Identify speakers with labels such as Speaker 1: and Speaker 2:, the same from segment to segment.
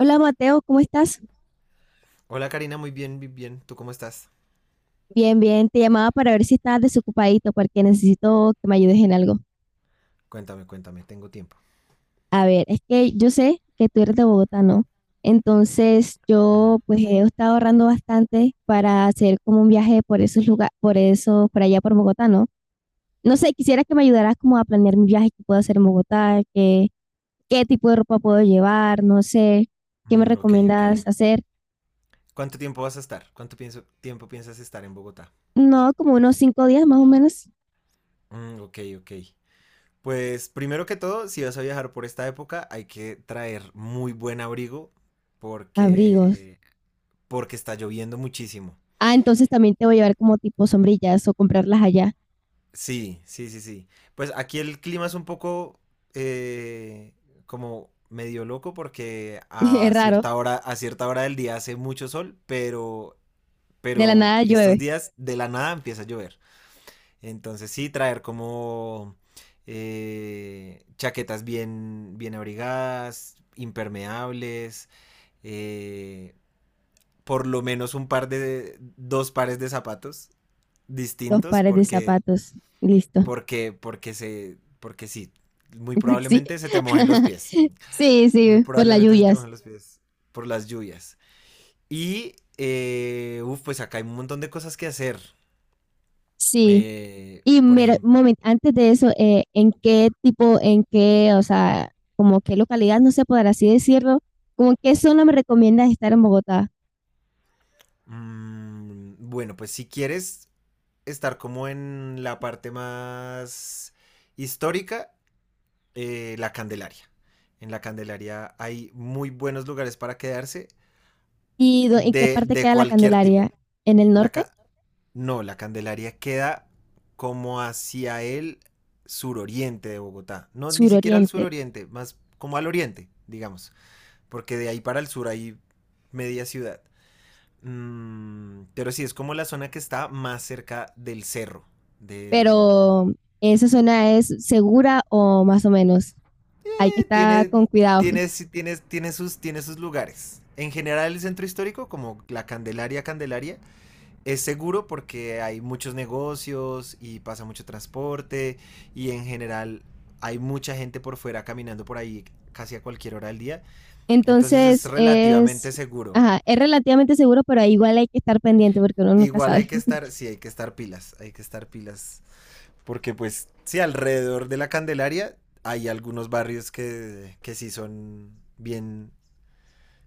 Speaker 1: Hola, Mateo, ¿cómo estás?
Speaker 2: Hola Karina, muy bien, muy bien. ¿Tú cómo estás?
Speaker 1: Bien, bien, te llamaba para ver si estabas desocupadito porque necesito que me ayudes en algo.
Speaker 2: Cuéntame, cuéntame, tengo tiempo.
Speaker 1: A ver, es que yo sé que tú eres de Bogotá, ¿no? Entonces
Speaker 2: Ujú.
Speaker 1: yo pues he estado ahorrando bastante para hacer como un viaje por esos lugares, por eso, por allá por Bogotá, ¿no? No sé, quisiera que me ayudaras como a planear mi viaje que puedo hacer en Bogotá, qué tipo de ropa puedo llevar, no sé, ¿qué me
Speaker 2: Mm, ok, ok.
Speaker 1: recomiendas hacer?
Speaker 2: ¿Cuánto tiempo vas a estar? ¿Cuánto tiempo piensas estar en Bogotá?
Speaker 1: No, como unos 5 días más o menos.
Speaker 2: Mm, ok, ok. Pues primero que todo, si vas a viajar por esta época, hay que traer muy buen abrigo
Speaker 1: Abrigos.
Speaker 2: porque porque está lloviendo muchísimo.
Speaker 1: Ah, entonces también te voy a llevar como tipo sombrillas o comprarlas allá.
Speaker 2: Sí, sí, sí, sí. Pues aquí el clima es un poco eh, como medio loco porque
Speaker 1: Es raro.
Speaker 2: a cierta hora del día hace mucho sol, pero
Speaker 1: De la
Speaker 2: pero
Speaker 1: nada
Speaker 2: estos
Speaker 1: llueve.
Speaker 2: días de la nada empieza a llover. Entonces sí, traer como chaquetas bien, bien abrigadas, impermeables, eh, por lo menos dos pares de zapatos
Speaker 1: Dos
Speaker 2: distintos,
Speaker 1: pares de
Speaker 2: porque,
Speaker 1: zapatos. Listo.
Speaker 2: porque, porque se, porque sí, muy
Speaker 1: Sí.
Speaker 2: probablemente se te mojen los pies.
Speaker 1: Sí,
Speaker 2: Muy
Speaker 1: sí, por las
Speaker 2: probablemente se te
Speaker 1: lluvias.
Speaker 2: mojen los pies por las lluvias. Y, uf, pues acá hay un montón de cosas que hacer.
Speaker 1: Sí. Y
Speaker 2: Por
Speaker 1: mira, un
Speaker 2: ejemplo,
Speaker 1: momento, antes de eso, ¿en qué
Speaker 2: dímelo.
Speaker 1: tipo, en qué, o sea, como qué localidad, no sé, por así decirlo, como en qué zona me recomiendas estar en Bogotá?
Speaker 2: Mm, bueno, pues si quieres estar como en la parte más histórica, la Candelaria. En la Candelaria hay muy buenos lugares para quedarse
Speaker 1: ¿En qué
Speaker 2: de,
Speaker 1: parte
Speaker 2: de
Speaker 1: queda la
Speaker 2: cualquier
Speaker 1: Candelaria?
Speaker 2: tipo.
Speaker 1: ¿En el
Speaker 2: La
Speaker 1: norte?
Speaker 2: ca- no, la Candelaria queda como hacia el suroriente de Bogotá. No, ni siquiera al
Speaker 1: Suroriente.
Speaker 2: suroriente, más como al oriente, digamos. Porque de ahí para el sur hay media ciudad. Mm, pero sí, es como la zona que está más cerca del cerro. Del...
Speaker 1: Pero, ¿esa zona es segura o más o menos? Hay que
Speaker 2: eh,
Speaker 1: estar
Speaker 2: tiene,
Speaker 1: con cuidado.
Speaker 2: sí, tiene sus, tiene sus lugares. En general, el centro histórico, como la Candelaria, es seguro porque hay muchos negocios y pasa mucho transporte y en general hay mucha gente por fuera caminando por ahí casi a cualquier hora del día. Entonces es
Speaker 1: Entonces es,
Speaker 2: relativamente seguro.
Speaker 1: ajá, es relativamente seguro, pero igual hay que estar pendiente porque uno nunca
Speaker 2: Igual hay
Speaker 1: sabe.
Speaker 2: que estar, sí, hay que estar pilas, hay que estar pilas. Porque pues, sí, alrededor de la Candelaria hay algunos barrios que sí son bien,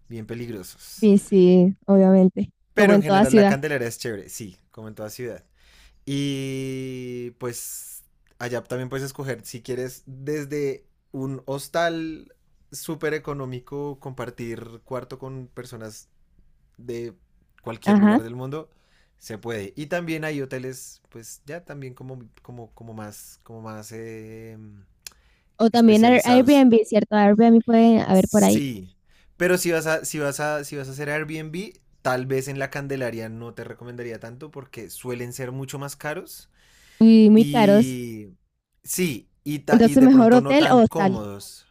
Speaker 2: bien peligrosos.
Speaker 1: Sí, sí, obviamente, como
Speaker 2: Pero en
Speaker 1: en toda
Speaker 2: general la
Speaker 1: ciudad.
Speaker 2: Candelaria es chévere, sí, como en toda ciudad. Y pues allá también puedes escoger si quieres desde un hostal súper económico compartir cuarto con personas de cualquier
Speaker 1: Ajá.
Speaker 2: lugar del mundo se puede. Y también hay hoteles, pues ya también como más
Speaker 1: O también
Speaker 2: especializados.
Speaker 1: Airbnb, ¿cierto? Airbnb pueden haber por ahí.
Speaker 2: Sí, pero si vas a hacer Airbnb, tal vez en la Candelaria no te recomendaría tanto porque suelen ser mucho más caros
Speaker 1: Y muy caros.
Speaker 2: y sí, y
Speaker 1: Entonces,
Speaker 2: de
Speaker 1: mejor
Speaker 2: pronto no
Speaker 1: hotel o
Speaker 2: tan
Speaker 1: hostal.
Speaker 2: cómodos.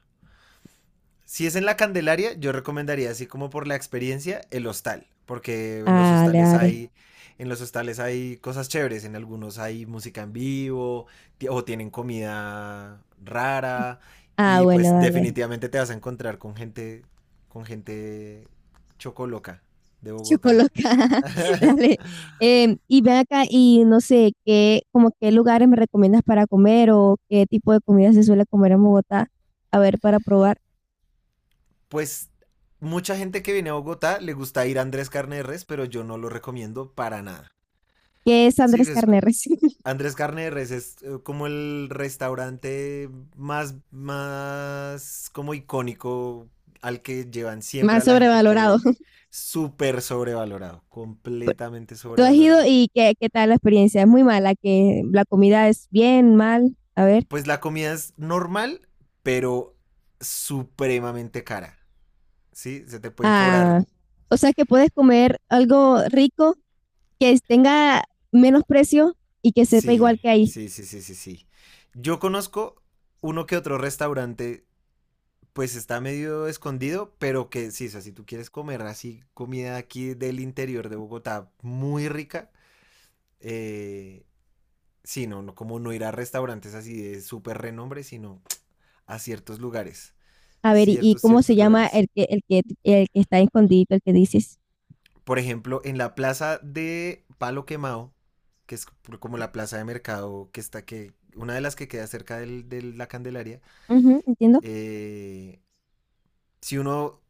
Speaker 2: Si es en la Candelaria, yo recomendaría así como por la experiencia el hostal, porque en los
Speaker 1: Ah, dale,
Speaker 2: hostales
Speaker 1: dale.
Speaker 2: hay en los hostales hay cosas chéveres, en algunos hay música en vivo o tienen comida rara
Speaker 1: Ah,
Speaker 2: y
Speaker 1: bueno,
Speaker 2: pues
Speaker 1: dale.
Speaker 2: definitivamente te vas a encontrar con gente chocoloca de Bogotá.
Speaker 1: Chocoloca, dale. Y ven acá y no sé, como qué lugares me recomiendas para comer o qué tipo de comida se suele comer en Bogotá, a ver, para probar.
Speaker 2: Pues mucha gente que viene a Bogotá le gusta ir a Andrés Carne de Res, pero yo no lo recomiendo para nada.
Speaker 1: ¿Qué es
Speaker 2: Sí,
Speaker 1: Andrés Carneres?
Speaker 2: Andrés Carneres es como el restaurante más, más como icónico al que llevan siempre
Speaker 1: Más
Speaker 2: a la gente que
Speaker 1: sobrevalorado.
Speaker 2: ve. Súper sobrevalorado, completamente
Speaker 1: ¿Tú has ido
Speaker 2: sobrevalorado.
Speaker 1: y qué tal la experiencia? Es muy mala, que la comida es bien, mal, a ver.
Speaker 2: Pues la comida es normal, pero supremamente cara. ¿Sí? Se te pueden cobrar.
Speaker 1: Ah, o sea, que puedes comer algo rico que tenga menos precio y que sepa
Speaker 2: Sí,
Speaker 1: igual que ahí.
Speaker 2: sí, sí, sí, sí, sí. Yo conozco uno que otro restaurante pues está medio escondido, pero que sí, o sea, si tú quieres comer así comida aquí del interior de Bogotá muy rica, eh, sí, no, no, como no ir a restaurantes así de súper renombre, sino a ciertos lugares,
Speaker 1: A ver, ¿y cómo se
Speaker 2: ciertos
Speaker 1: llama
Speaker 2: lugares.
Speaker 1: el que está escondido, el que dices?
Speaker 2: Por ejemplo, en la plaza de Palo Quemado, como la plaza de mercado que una de las que queda de la Candelaria,
Speaker 1: Ujú, entiendo.
Speaker 2: eh, si uno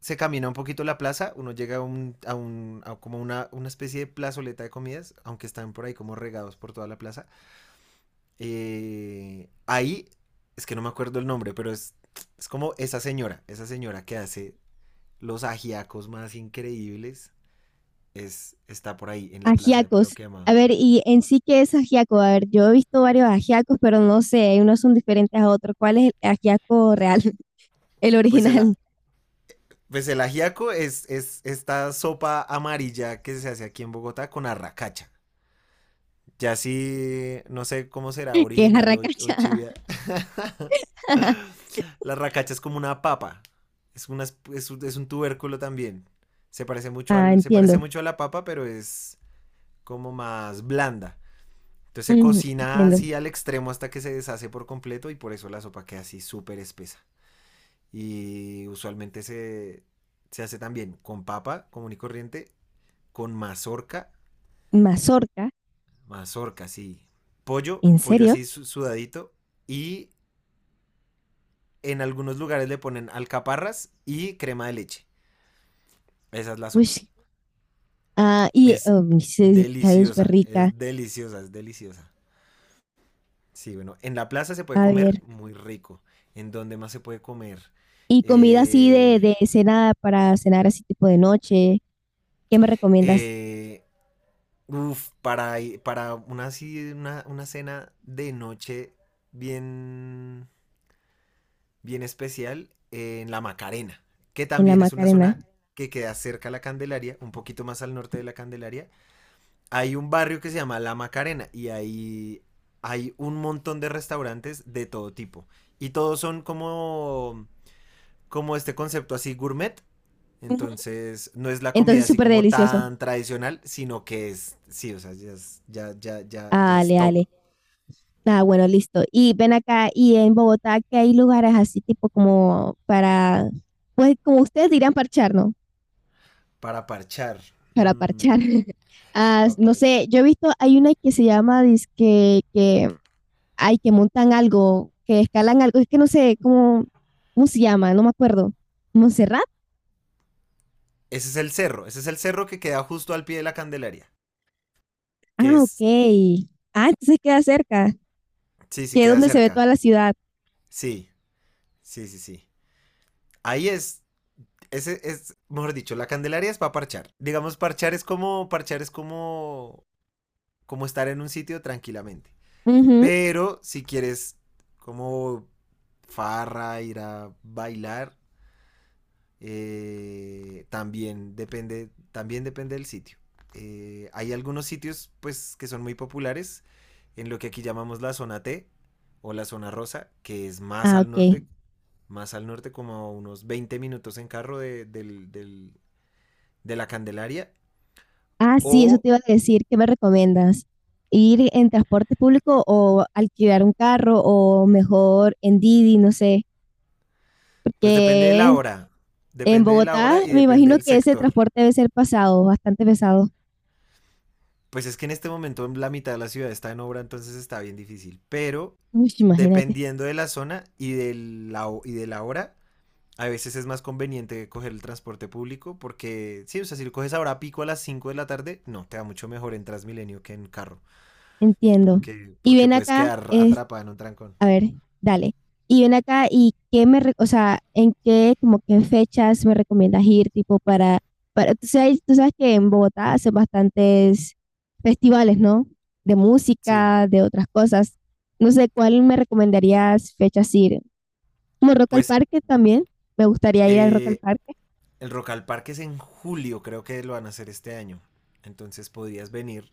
Speaker 2: se camina un poquito la plaza, uno llega a un, a un a como una especie de plazoleta de comidas, aunque están por ahí como regados por toda la plaza. Ahí, es que no me acuerdo el nombre, pero es como esa señora que hace los ajiacos más increíbles, está por ahí en la plaza de Palo
Speaker 1: Ajiacos. A
Speaker 2: Quemado.
Speaker 1: ver, ¿y en sí qué es ajiaco? A ver, yo he visto varios ajiacos, pero no sé, unos son diferentes a otros. ¿Cuál es el ajiaco real? El
Speaker 2: Pues el,
Speaker 1: original,
Speaker 2: pues el ajiaco es esta sopa amarilla que se hace aquí en Bogotá con arracacha. Ya sí, no sé cómo será
Speaker 1: que es
Speaker 2: original o
Speaker 1: arracacha.
Speaker 2: chivia. La racacha es como una papa. Es, una, es un tubérculo también. Se parece,
Speaker 1: Ah,
Speaker 2: se parece
Speaker 1: entiendo.
Speaker 2: mucho a la papa, pero es como más blanda. Entonces se
Speaker 1: Ujú,
Speaker 2: cocina
Speaker 1: entiendo.
Speaker 2: así al extremo hasta que se deshace por completo y por eso la sopa queda así súper espesa. Y se hace también con papa común y corriente, con mazorca,
Speaker 1: Mazorca,
Speaker 2: mazorca, sí. Pollo,
Speaker 1: ¿en
Speaker 2: pollo
Speaker 1: serio?
Speaker 2: así sudadito y en algunos lugares le ponen alcaparras y crema de leche. Esa es la
Speaker 1: Uy,
Speaker 2: sopa.
Speaker 1: sí, ah, y
Speaker 2: Es
Speaker 1: oh, se escucha súper
Speaker 2: deliciosa,
Speaker 1: rica.
Speaker 2: es deliciosa, es deliciosa. Sí, bueno, en la plaza se puede
Speaker 1: A
Speaker 2: comer
Speaker 1: ver,
Speaker 2: muy rico. ¿En dónde más se puede comer?
Speaker 1: ¿y comida así
Speaker 2: Eh,
Speaker 1: de cena para cenar así tipo de noche? ¿Qué me recomiendas?
Speaker 2: eh, uf, para una, una cena de noche bien, bien especial, en la Macarena, que
Speaker 1: En la
Speaker 2: también es una
Speaker 1: Macarena.
Speaker 2: zona que queda cerca a la Candelaria, un poquito más al norte de la Candelaria, hay un barrio que se llama La Macarena y ahí hay un montón de restaurantes de todo tipo. Y todos son como este concepto así gourmet.
Speaker 1: Ujú.
Speaker 2: Entonces, no es la comida
Speaker 1: Entonces,
Speaker 2: así
Speaker 1: súper
Speaker 2: como
Speaker 1: delicioso.
Speaker 2: tan tradicional, sino que es, sí, o sea, ya es, ya, ya, ya, ya es
Speaker 1: Ale,
Speaker 2: top
Speaker 1: ale. Ah, bueno, listo. Y ven acá, y en Bogotá, que hay lugares así, pues como ustedes dirán, parchar, ¿no?
Speaker 2: para parchar.
Speaker 1: Para parchar.
Speaker 2: Mm,
Speaker 1: Ah,
Speaker 2: pa
Speaker 1: no
Speaker 2: par-
Speaker 1: sé, yo he visto, hay una que se llama, dizque, hay que montan algo, que escalan algo, es que no sé cómo se llama, no me acuerdo. ¿Montserrat?
Speaker 2: ese es el cerro, ese es el cerro que queda justo al pie de la Candelaria, que
Speaker 1: Ah,
Speaker 2: es,
Speaker 1: ok. Ah, entonces queda cerca,
Speaker 2: sí, sí,
Speaker 1: que es
Speaker 2: queda
Speaker 1: donde se ve toda
Speaker 2: cerca.
Speaker 1: la ciudad.
Speaker 2: Sí, sí, sí, sí. Ahí es. Ese es, mejor dicho, la Candelaria es para parchar. Digamos, parchar es como, como estar en un sitio tranquilamente.
Speaker 1: Ujú.
Speaker 2: Pero si quieres como farra, ir a bailar, también depende del sitio. Hay algunos sitios, pues, que son muy populares en lo que aquí llamamos la zona T o la zona rosa, que es
Speaker 1: Ah, ok.
Speaker 2: más al norte, como a unos 20 minutos en carro del, de la Candelaria
Speaker 1: Ah, sí, eso
Speaker 2: o
Speaker 1: te iba a decir. ¿Qué me recomiendas? ¿Ir en transporte público o alquilar un carro o mejor en Didi? No sé.
Speaker 2: pues depende de la
Speaker 1: Porque
Speaker 2: hora,
Speaker 1: en
Speaker 2: depende de la
Speaker 1: Bogotá
Speaker 2: hora y
Speaker 1: me
Speaker 2: depende
Speaker 1: imagino
Speaker 2: del
Speaker 1: que ese
Speaker 2: sector.
Speaker 1: transporte debe ser pasado, bastante pesado.
Speaker 2: Pues es que en este momento la mitad de la ciudad está en obra, entonces está bien difícil, pero
Speaker 1: Uy, imagínate.
Speaker 2: dependiendo de la zona y y de la hora, a veces es más conveniente coger el transporte público porque, sí, o sea, si lo coges ahora a pico a las 5 de la tarde, no, te va mucho mejor en Transmilenio que en carro,
Speaker 1: Entiendo. Y
Speaker 2: porque
Speaker 1: ven
Speaker 2: puedes
Speaker 1: acá.
Speaker 2: quedar atrapada en un trancón.
Speaker 1: A ver, dale. Y ven acá, ¿y o sea, en qué, como que en fechas me recomiendas ir, tú sabes que en Bogotá hacen bastantes festivales, ¿no? De
Speaker 2: Sí,
Speaker 1: música, de otras cosas. No sé, ¿cuál me recomendarías fechas ir? Como Rock al
Speaker 2: pues
Speaker 1: Parque también, me gustaría ir al Rock al
Speaker 2: eh,
Speaker 1: Parque,
Speaker 2: el Rock al Parque es en julio, creo que lo van a hacer este año. Entonces podrías venir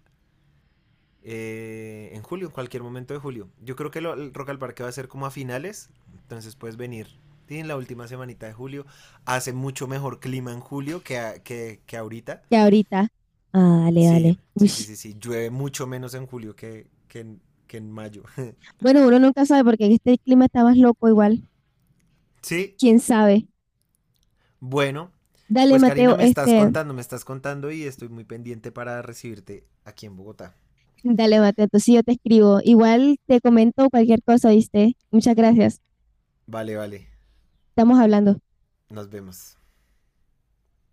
Speaker 2: en julio, en cualquier momento de julio. Yo creo que el Rock al Parque va a ser como a finales, entonces puedes venir sí, en la última semanita de julio. Hace mucho mejor clima en julio que ahorita.
Speaker 1: que ahorita. Ah, dale,
Speaker 2: Sí,
Speaker 1: dale.
Speaker 2: sí, sí,
Speaker 1: Ush.
Speaker 2: sí, sí. Llueve mucho menos en julio que en mayo.
Speaker 1: Bueno, uno nunca sabe porque en este clima está más loco igual,
Speaker 2: Sí,
Speaker 1: quién sabe.
Speaker 2: bueno,
Speaker 1: Dale,
Speaker 2: pues Karina,
Speaker 1: Mateo, este...
Speaker 2: me estás contando y estoy muy pendiente para recibirte aquí en Bogotá.
Speaker 1: Dale, Mateo, entonces yo te escribo. Igual te comento cualquier cosa, ¿viste? Muchas gracias.
Speaker 2: Vale, vale.
Speaker 1: Estamos hablando.
Speaker 2: Nos vemos.